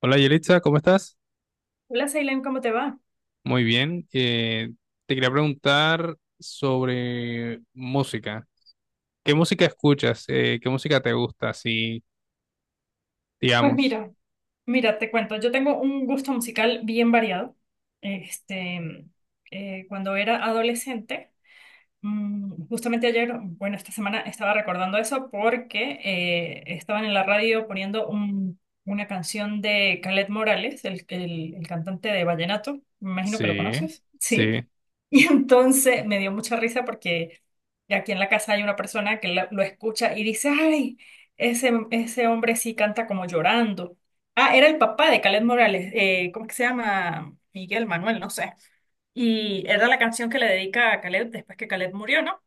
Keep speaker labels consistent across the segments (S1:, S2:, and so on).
S1: Hola Yelitza, ¿cómo estás?
S2: Hola, Ceylan, ¿cómo te va?
S1: Muy bien. Te quería preguntar sobre música. ¿Qué música escuchas? ¿Qué música te gusta? Sí,
S2: Pues
S1: digamos.
S2: mira, mira, te cuento, yo tengo un gusto musical bien variado. Este, Cuando era adolescente, justamente ayer, bueno, esta semana estaba recordando eso porque estaban en la radio poniendo una canción de Calet Morales, el cantante de vallenato, me imagino que lo
S1: Sí,
S2: conoces, sí.
S1: sí,
S2: Y entonces me dio mucha risa porque aquí en la casa hay una persona que lo escucha y dice, ay, ese hombre sí canta como llorando. Ah, era el papá de Calet Morales, ¿cómo que se llama? Miguel Manuel, no sé. Y era la canción que le dedica a Caleb después que Caleb murió, ¿no?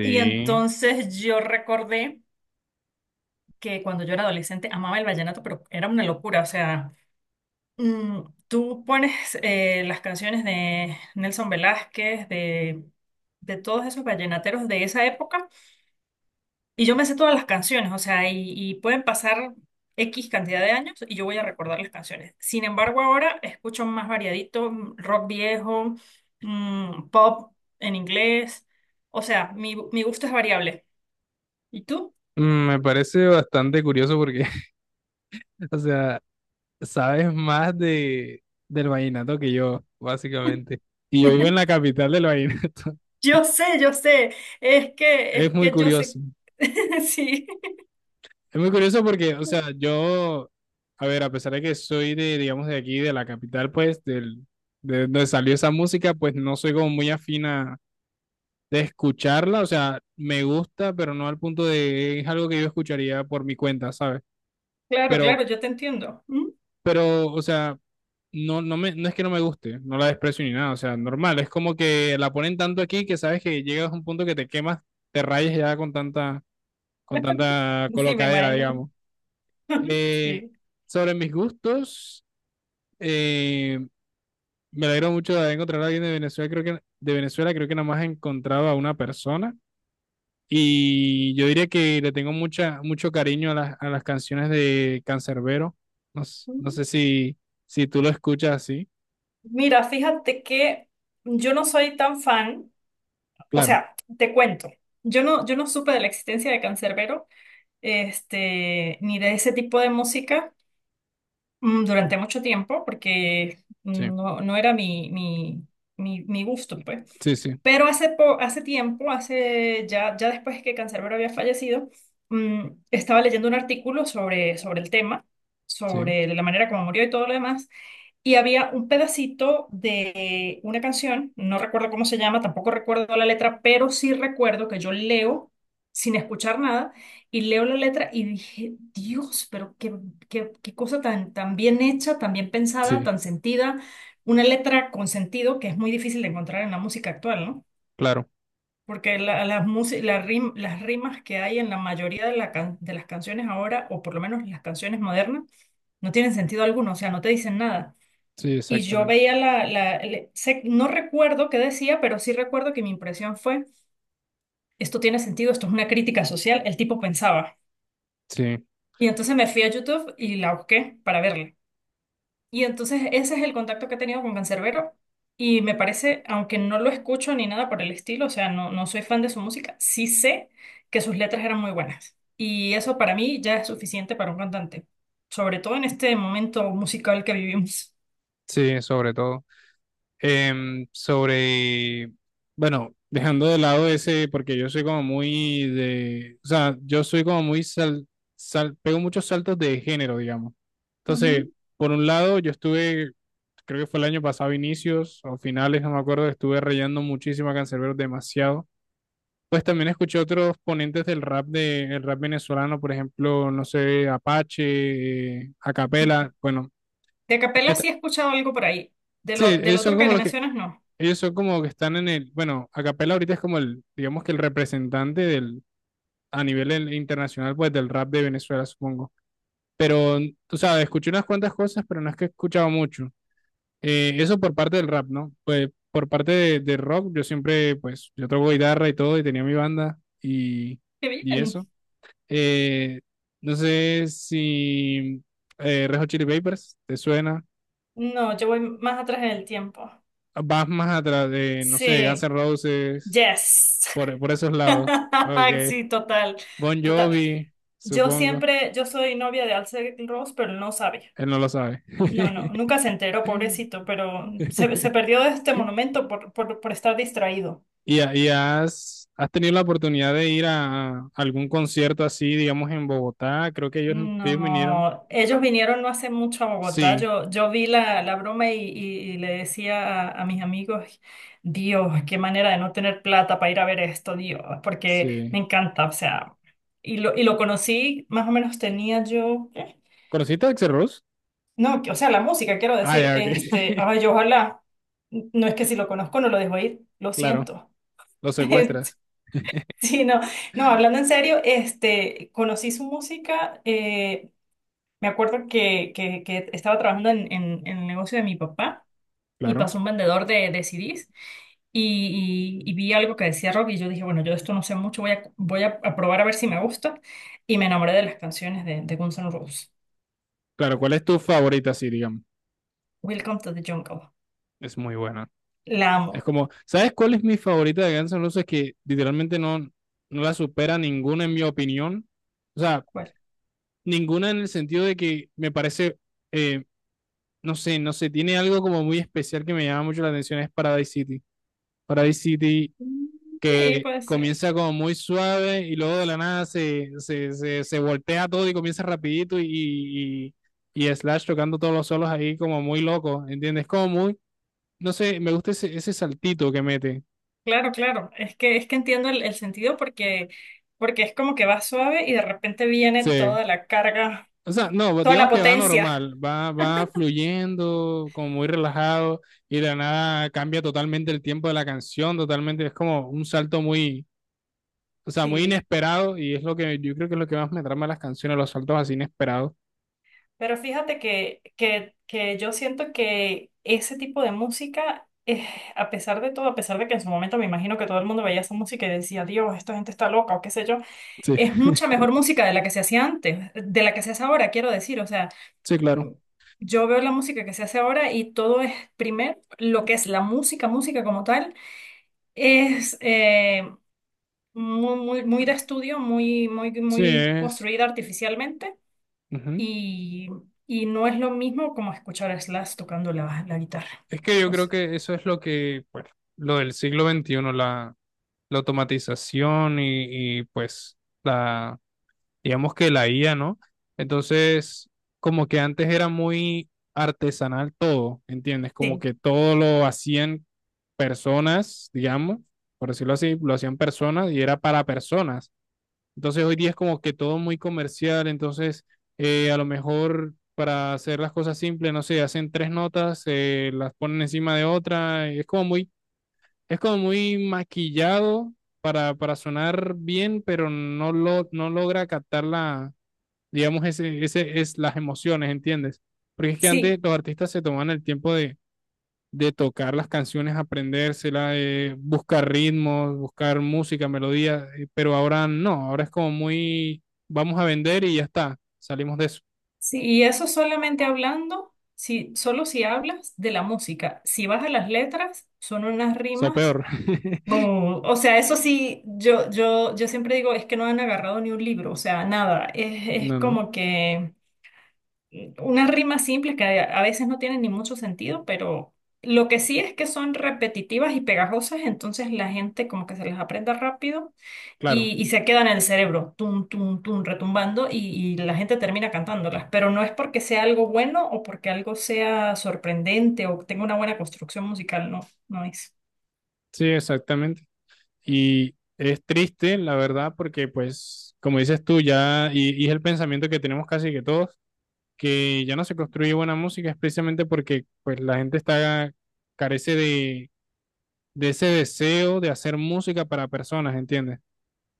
S2: Y entonces yo recordé que cuando yo era adolescente amaba el vallenato, pero era una locura. O sea, mm, tú pones las canciones de Nelson Velázquez, de todos esos vallenateros de esa época, y yo me sé todas las canciones, o sea, y pueden pasar X cantidad de años y yo voy a recordar las canciones. Sin embargo, ahora escucho más variadito, rock viejo, pop en inglés. O sea, mi gusto es variable. ¿Y tú?
S1: Me parece bastante curioso porque, o sea, sabes más de, del vallenato que yo, básicamente. Y yo vivo en la capital del vallenato.
S2: Yo sé, yo sé. Es que,
S1: Es
S2: es
S1: muy
S2: que yo sé.
S1: curioso.
S2: Sí,
S1: Es muy curioso porque, o sea, yo, a ver, a pesar de que soy de, digamos, de aquí, de la capital, pues, del, de donde salió esa música, pues no soy como muy afina de escucharla, o sea, me gusta, pero no al punto de, es algo que yo escucharía por mi cuenta, ¿sabes?
S2: claro, claro,
S1: Pero,
S2: yo te entiendo. ¿Mm?
S1: pero, o sea, no, no me, no es que no me guste, no la desprecio ni nada, o sea, normal, es como que la ponen tanto aquí que sabes que llegas a un punto que te quemas, te rayes ya con tanta
S2: Sí, me
S1: colocadera,
S2: imagino.
S1: digamos. Eh,
S2: Sí.
S1: Sobre mis gustos, eh, me alegro mucho de haber encontrado a alguien de Venezuela. Creo que de Venezuela creo que nada más he encontrado a una persona. Y yo diría que le tengo mucha, mucho cariño a las canciones de Canserbero. No, no sé si, si tú lo escuchas así.
S2: Mira, fíjate que yo no soy tan fan. O
S1: Claro,
S2: sea, te cuento, yo no supe de la existencia de Cancerbero, este, ni de ese tipo de música, durante mucho tiempo, porque
S1: sí,
S2: no, no era mi gusto, pues.
S1: sí, sí,
S2: Pero hace, hace tiempo, hace ya, ya después que Cancerbero había fallecido, estaba leyendo un artículo sobre, sobre el tema,
S1: sí,
S2: sobre la manera como murió y todo lo demás, y había un pedacito de una canción, no recuerdo cómo se llama, tampoco recuerdo la letra, pero sí recuerdo que yo leo sin escuchar nada y leo la letra y dije, Dios, pero qué cosa tan, tan bien hecha, tan bien pensada,
S1: sí,
S2: tan sentida, una letra con sentido que es muy difícil de encontrar en la música actual, ¿no?
S1: claro,
S2: Porque las rimas que hay en la mayoría de, de las canciones ahora, o por lo menos las canciones modernas, no tienen sentido alguno, o sea, no te dicen nada.
S1: sí,
S2: Y yo
S1: exactamente.
S2: veía no recuerdo qué decía, pero sí recuerdo que mi impresión fue, esto tiene sentido, esto es una crítica social, el tipo pensaba.
S1: Sí,
S2: Y entonces me fui a YouTube y la busqué para verla. Y entonces ese es el contacto que he tenido con Canserbero y me parece, aunque no lo escucho ni nada por el estilo, o sea, no, no soy fan de su música, sí sé que sus letras eran muy buenas. Y eso para mí ya es suficiente para un cantante, sobre todo en este momento musical que vivimos.
S1: sí, sobre todo. Sobre, bueno, dejando de lado ese, porque yo soy como muy de, o sea, yo soy como muy sal, pego muchos saltos de género, digamos.
S2: Ujú.
S1: Entonces, por un lado, yo estuve, creo que fue el año pasado, inicios o finales, no me acuerdo, estuve rayando muchísimo a Canserbero, demasiado. Pues también escuché otros ponentes del rap de, el rap venezolano, por ejemplo, no sé, Apache, Acapela, bueno,
S2: De capela
S1: et-
S2: sí he escuchado algo por ahí. De lo,
S1: sí,
S2: del
S1: esos son
S2: otro que
S1: como
S2: te
S1: los que
S2: mencionas, no.
S1: ellos son como que están en el, bueno, acapella ahorita es como el, digamos que el representante del, a nivel internacional, pues del rap de Venezuela, supongo. Pero, tú sabes, escuché unas cuantas cosas, pero no es que he escuchado mucho. Eso por parte del rap, ¿no? Pues por parte de rock, yo siempre, pues, yo toco guitarra y todo, y tenía mi banda
S2: Qué
S1: y
S2: bien.
S1: eso. Eh, no sé si Red Hot Chili Peppers te suena.
S2: No, yo voy más atrás en el tiempo.
S1: Vas más atrás de, no sé, Guns N'
S2: Sí.
S1: Roses,
S2: Yes.
S1: por esos lados. Ok.
S2: Sí, total.
S1: Bon
S2: Total.
S1: Jovi,
S2: Yo
S1: supongo.
S2: siempre, yo soy novia de Axl Rose, pero él no sabe.
S1: Él no lo sabe.
S2: No, no, nunca se enteró, pobrecito, pero se perdió de este monumento por estar distraído.
S1: ¿Y, y has, has tenido la oportunidad de ir a algún concierto así, digamos, en Bogotá? Creo que ellos vinieron.
S2: No, ellos vinieron no hace mucho a Bogotá.
S1: Sí,
S2: Yo vi la broma y, y le decía a mis amigos, Dios, qué manera de no tener plata para ir a ver esto, Dios, porque me
S1: sí.
S2: encanta, o sea, y lo conocí, más o menos tenía yo, ¿qué?
S1: ¿Conociste a Axl Rose?
S2: No, o sea, la música, quiero
S1: Ah,
S2: decir,
S1: ya, ok.
S2: este, ay, yo ojalá, no es que si lo conozco no lo dejo ir, lo
S1: Claro,
S2: siento.
S1: lo
S2: Este,
S1: secuestras.
S2: sí, no, no, hablando en serio, este, conocí su música. Me acuerdo que, que estaba trabajando en, en el negocio de mi papá y
S1: Claro.
S2: pasó un vendedor de CDs y, y vi algo que decía rock y yo dije, bueno, yo de esto no sé mucho, voy a, voy a probar a ver si me gusta y me enamoré de las canciones de Guns N' Roses.
S1: Claro, ¿cuál es tu favorita? Sí, digamos.
S2: Welcome to the Jungle.
S1: Es muy buena.
S2: La
S1: Es
S2: amo.
S1: como, ¿sabes cuál es mi favorita de Guns N' Roses? Que literalmente no, no la supera ninguna en mi opinión. O sea,
S2: ¿Cuál?
S1: ninguna en el sentido de que me parece, eh, no sé, no sé, tiene algo como muy especial que me llama mucho la atención, es Paradise City. Paradise City
S2: Mm, sí,
S1: que
S2: puede ser.
S1: comienza como muy suave y luego de la nada se voltea todo y comienza rapidito y Slash tocando todos los solos ahí como muy loco, ¿entiendes? Como muy, no sé, me gusta ese, ese saltito que mete.
S2: Claro, claro. Es que entiendo el sentido porque, porque es como que va suave y de repente viene
S1: Sí.
S2: toda la carga,
S1: O sea, no, pues,
S2: toda la
S1: digamos que va
S2: potencia.
S1: normal, va, va fluyendo, como muy relajado, y de la nada cambia totalmente el tiempo de la canción, totalmente, es como un salto muy, o sea, muy
S2: Sí,
S1: inesperado, y es lo que yo creo que es lo que más me trama de las canciones, los saltos así inesperados.
S2: pero fíjate que, que yo siento que ese tipo de música, a pesar de todo, a pesar de que en su momento me imagino que todo el mundo veía esa música y decía, Dios, esta gente está loca o qué sé yo,
S1: Sí,
S2: es mucha mejor música de la que se hacía antes, de la que se hace ahora, quiero decir. O sea,
S1: sí, claro.
S2: mm, yo veo la música que se hace ahora y todo es, primero, lo que es la música, música como tal, es muy de estudio,
S1: Sí,
S2: muy
S1: es.
S2: construida artificialmente
S1: Ujú.
S2: y, y no es lo mismo como escuchar a Slash tocando la guitarra.
S1: Es que yo
S2: O
S1: creo
S2: sea,
S1: que eso es lo que, pues, lo del siglo XXI, la, la automatización y, pues la, digamos que la IA, ¿no? Entonces, como que antes era muy artesanal todo, ¿entiendes? Como
S2: sí,
S1: que todo lo hacían personas, digamos, por decirlo así, lo hacían personas y era para personas. Entonces, hoy día es como que todo muy comercial, entonces, a lo mejor para hacer las cosas simples, no sé, hacen tres notas, las ponen encima de otra, es como muy maquillado. Para sonar bien, pero no, lo, no logra captar la, digamos, ese es las emociones, ¿entiendes? Porque es que antes
S2: sí,
S1: los artistas se tomaban el tiempo de tocar las canciones, aprendérselas, de buscar ritmos, buscar música, melodías pero ahora no, ahora es como muy, vamos a vender y ya está, salimos de eso,
S2: sí, y eso solamente hablando, si, solo si hablas de la música. Si vas a las letras, son unas
S1: eso
S2: rimas.
S1: peor.
S2: O sea, eso sí, yo siempre digo, es que no han agarrado ni un libro, o sea, nada. Es
S1: No, no,
S2: como que unas rimas simples que a veces no tienen ni mucho sentido, pero lo que sí es que son repetitivas y pegajosas, entonces la gente como que se las aprende rápido
S1: claro,
S2: y se quedan en el cerebro, tum, tum, tum, retumbando y la gente termina cantándolas, pero no es porque sea algo bueno o porque algo sea sorprendente o tenga una buena construcción musical, no, no es.
S1: sí, exactamente. Y es triste, la verdad, porque pues, como dices tú, ya, y es el pensamiento que tenemos casi que todos, que ya no se construye buena música es precisamente porque pues la gente está carece de ese deseo de hacer música para personas, ¿entiendes?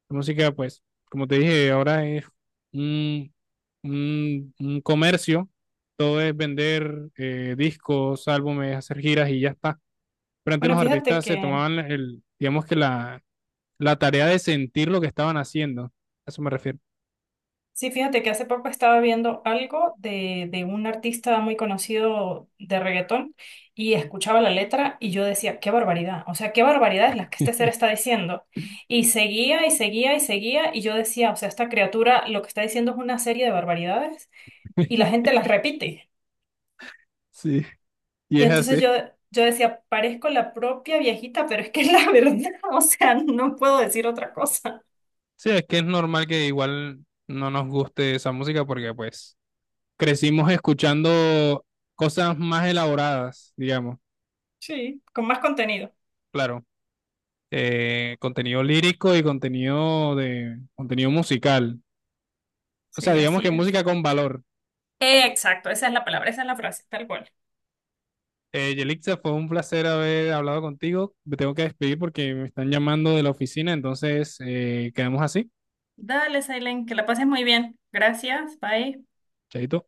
S1: La música, pues, como te dije, ahora es un, un comercio, todo es vender discos, álbumes, hacer giras y ya está. Pero antes
S2: Bueno,
S1: los
S2: fíjate
S1: artistas se
S2: que
S1: tomaban el, digamos que la tarea de sentir lo que estaban haciendo, a eso me refiero.
S2: sí, fíjate que hace poco estaba viendo algo de un artista muy conocido de reggaetón y escuchaba la letra y yo decía, qué barbaridad, o sea, qué barbaridad es la que este ser está diciendo. Y seguía y seguía y seguía y yo decía, o sea, esta criatura lo que está diciendo es una serie de barbaridades y la gente las repite.
S1: Sí, y
S2: Y
S1: es así.
S2: entonces yo decía, parezco la propia viejita, pero es que es la verdad, o sea, no puedo decir otra cosa.
S1: Sí, es que es normal que igual no nos guste esa música porque pues crecimos escuchando cosas más elaboradas, digamos,
S2: Sí, con más contenido.
S1: claro, contenido lírico y contenido de contenido musical, o sea,
S2: Sí,
S1: digamos que
S2: así es.
S1: música con valor.
S2: Exacto, esa es la palabra, esa es la frase, tal cual.
S1: Yelixa, fue un placer haber hablado contigo. Me tengo que despedir porque me están llamando de la oficina, entonces quedamos así.
S2: Dale, Silent, que la pases muy bien. Gracias, bye.
S1: Chaito.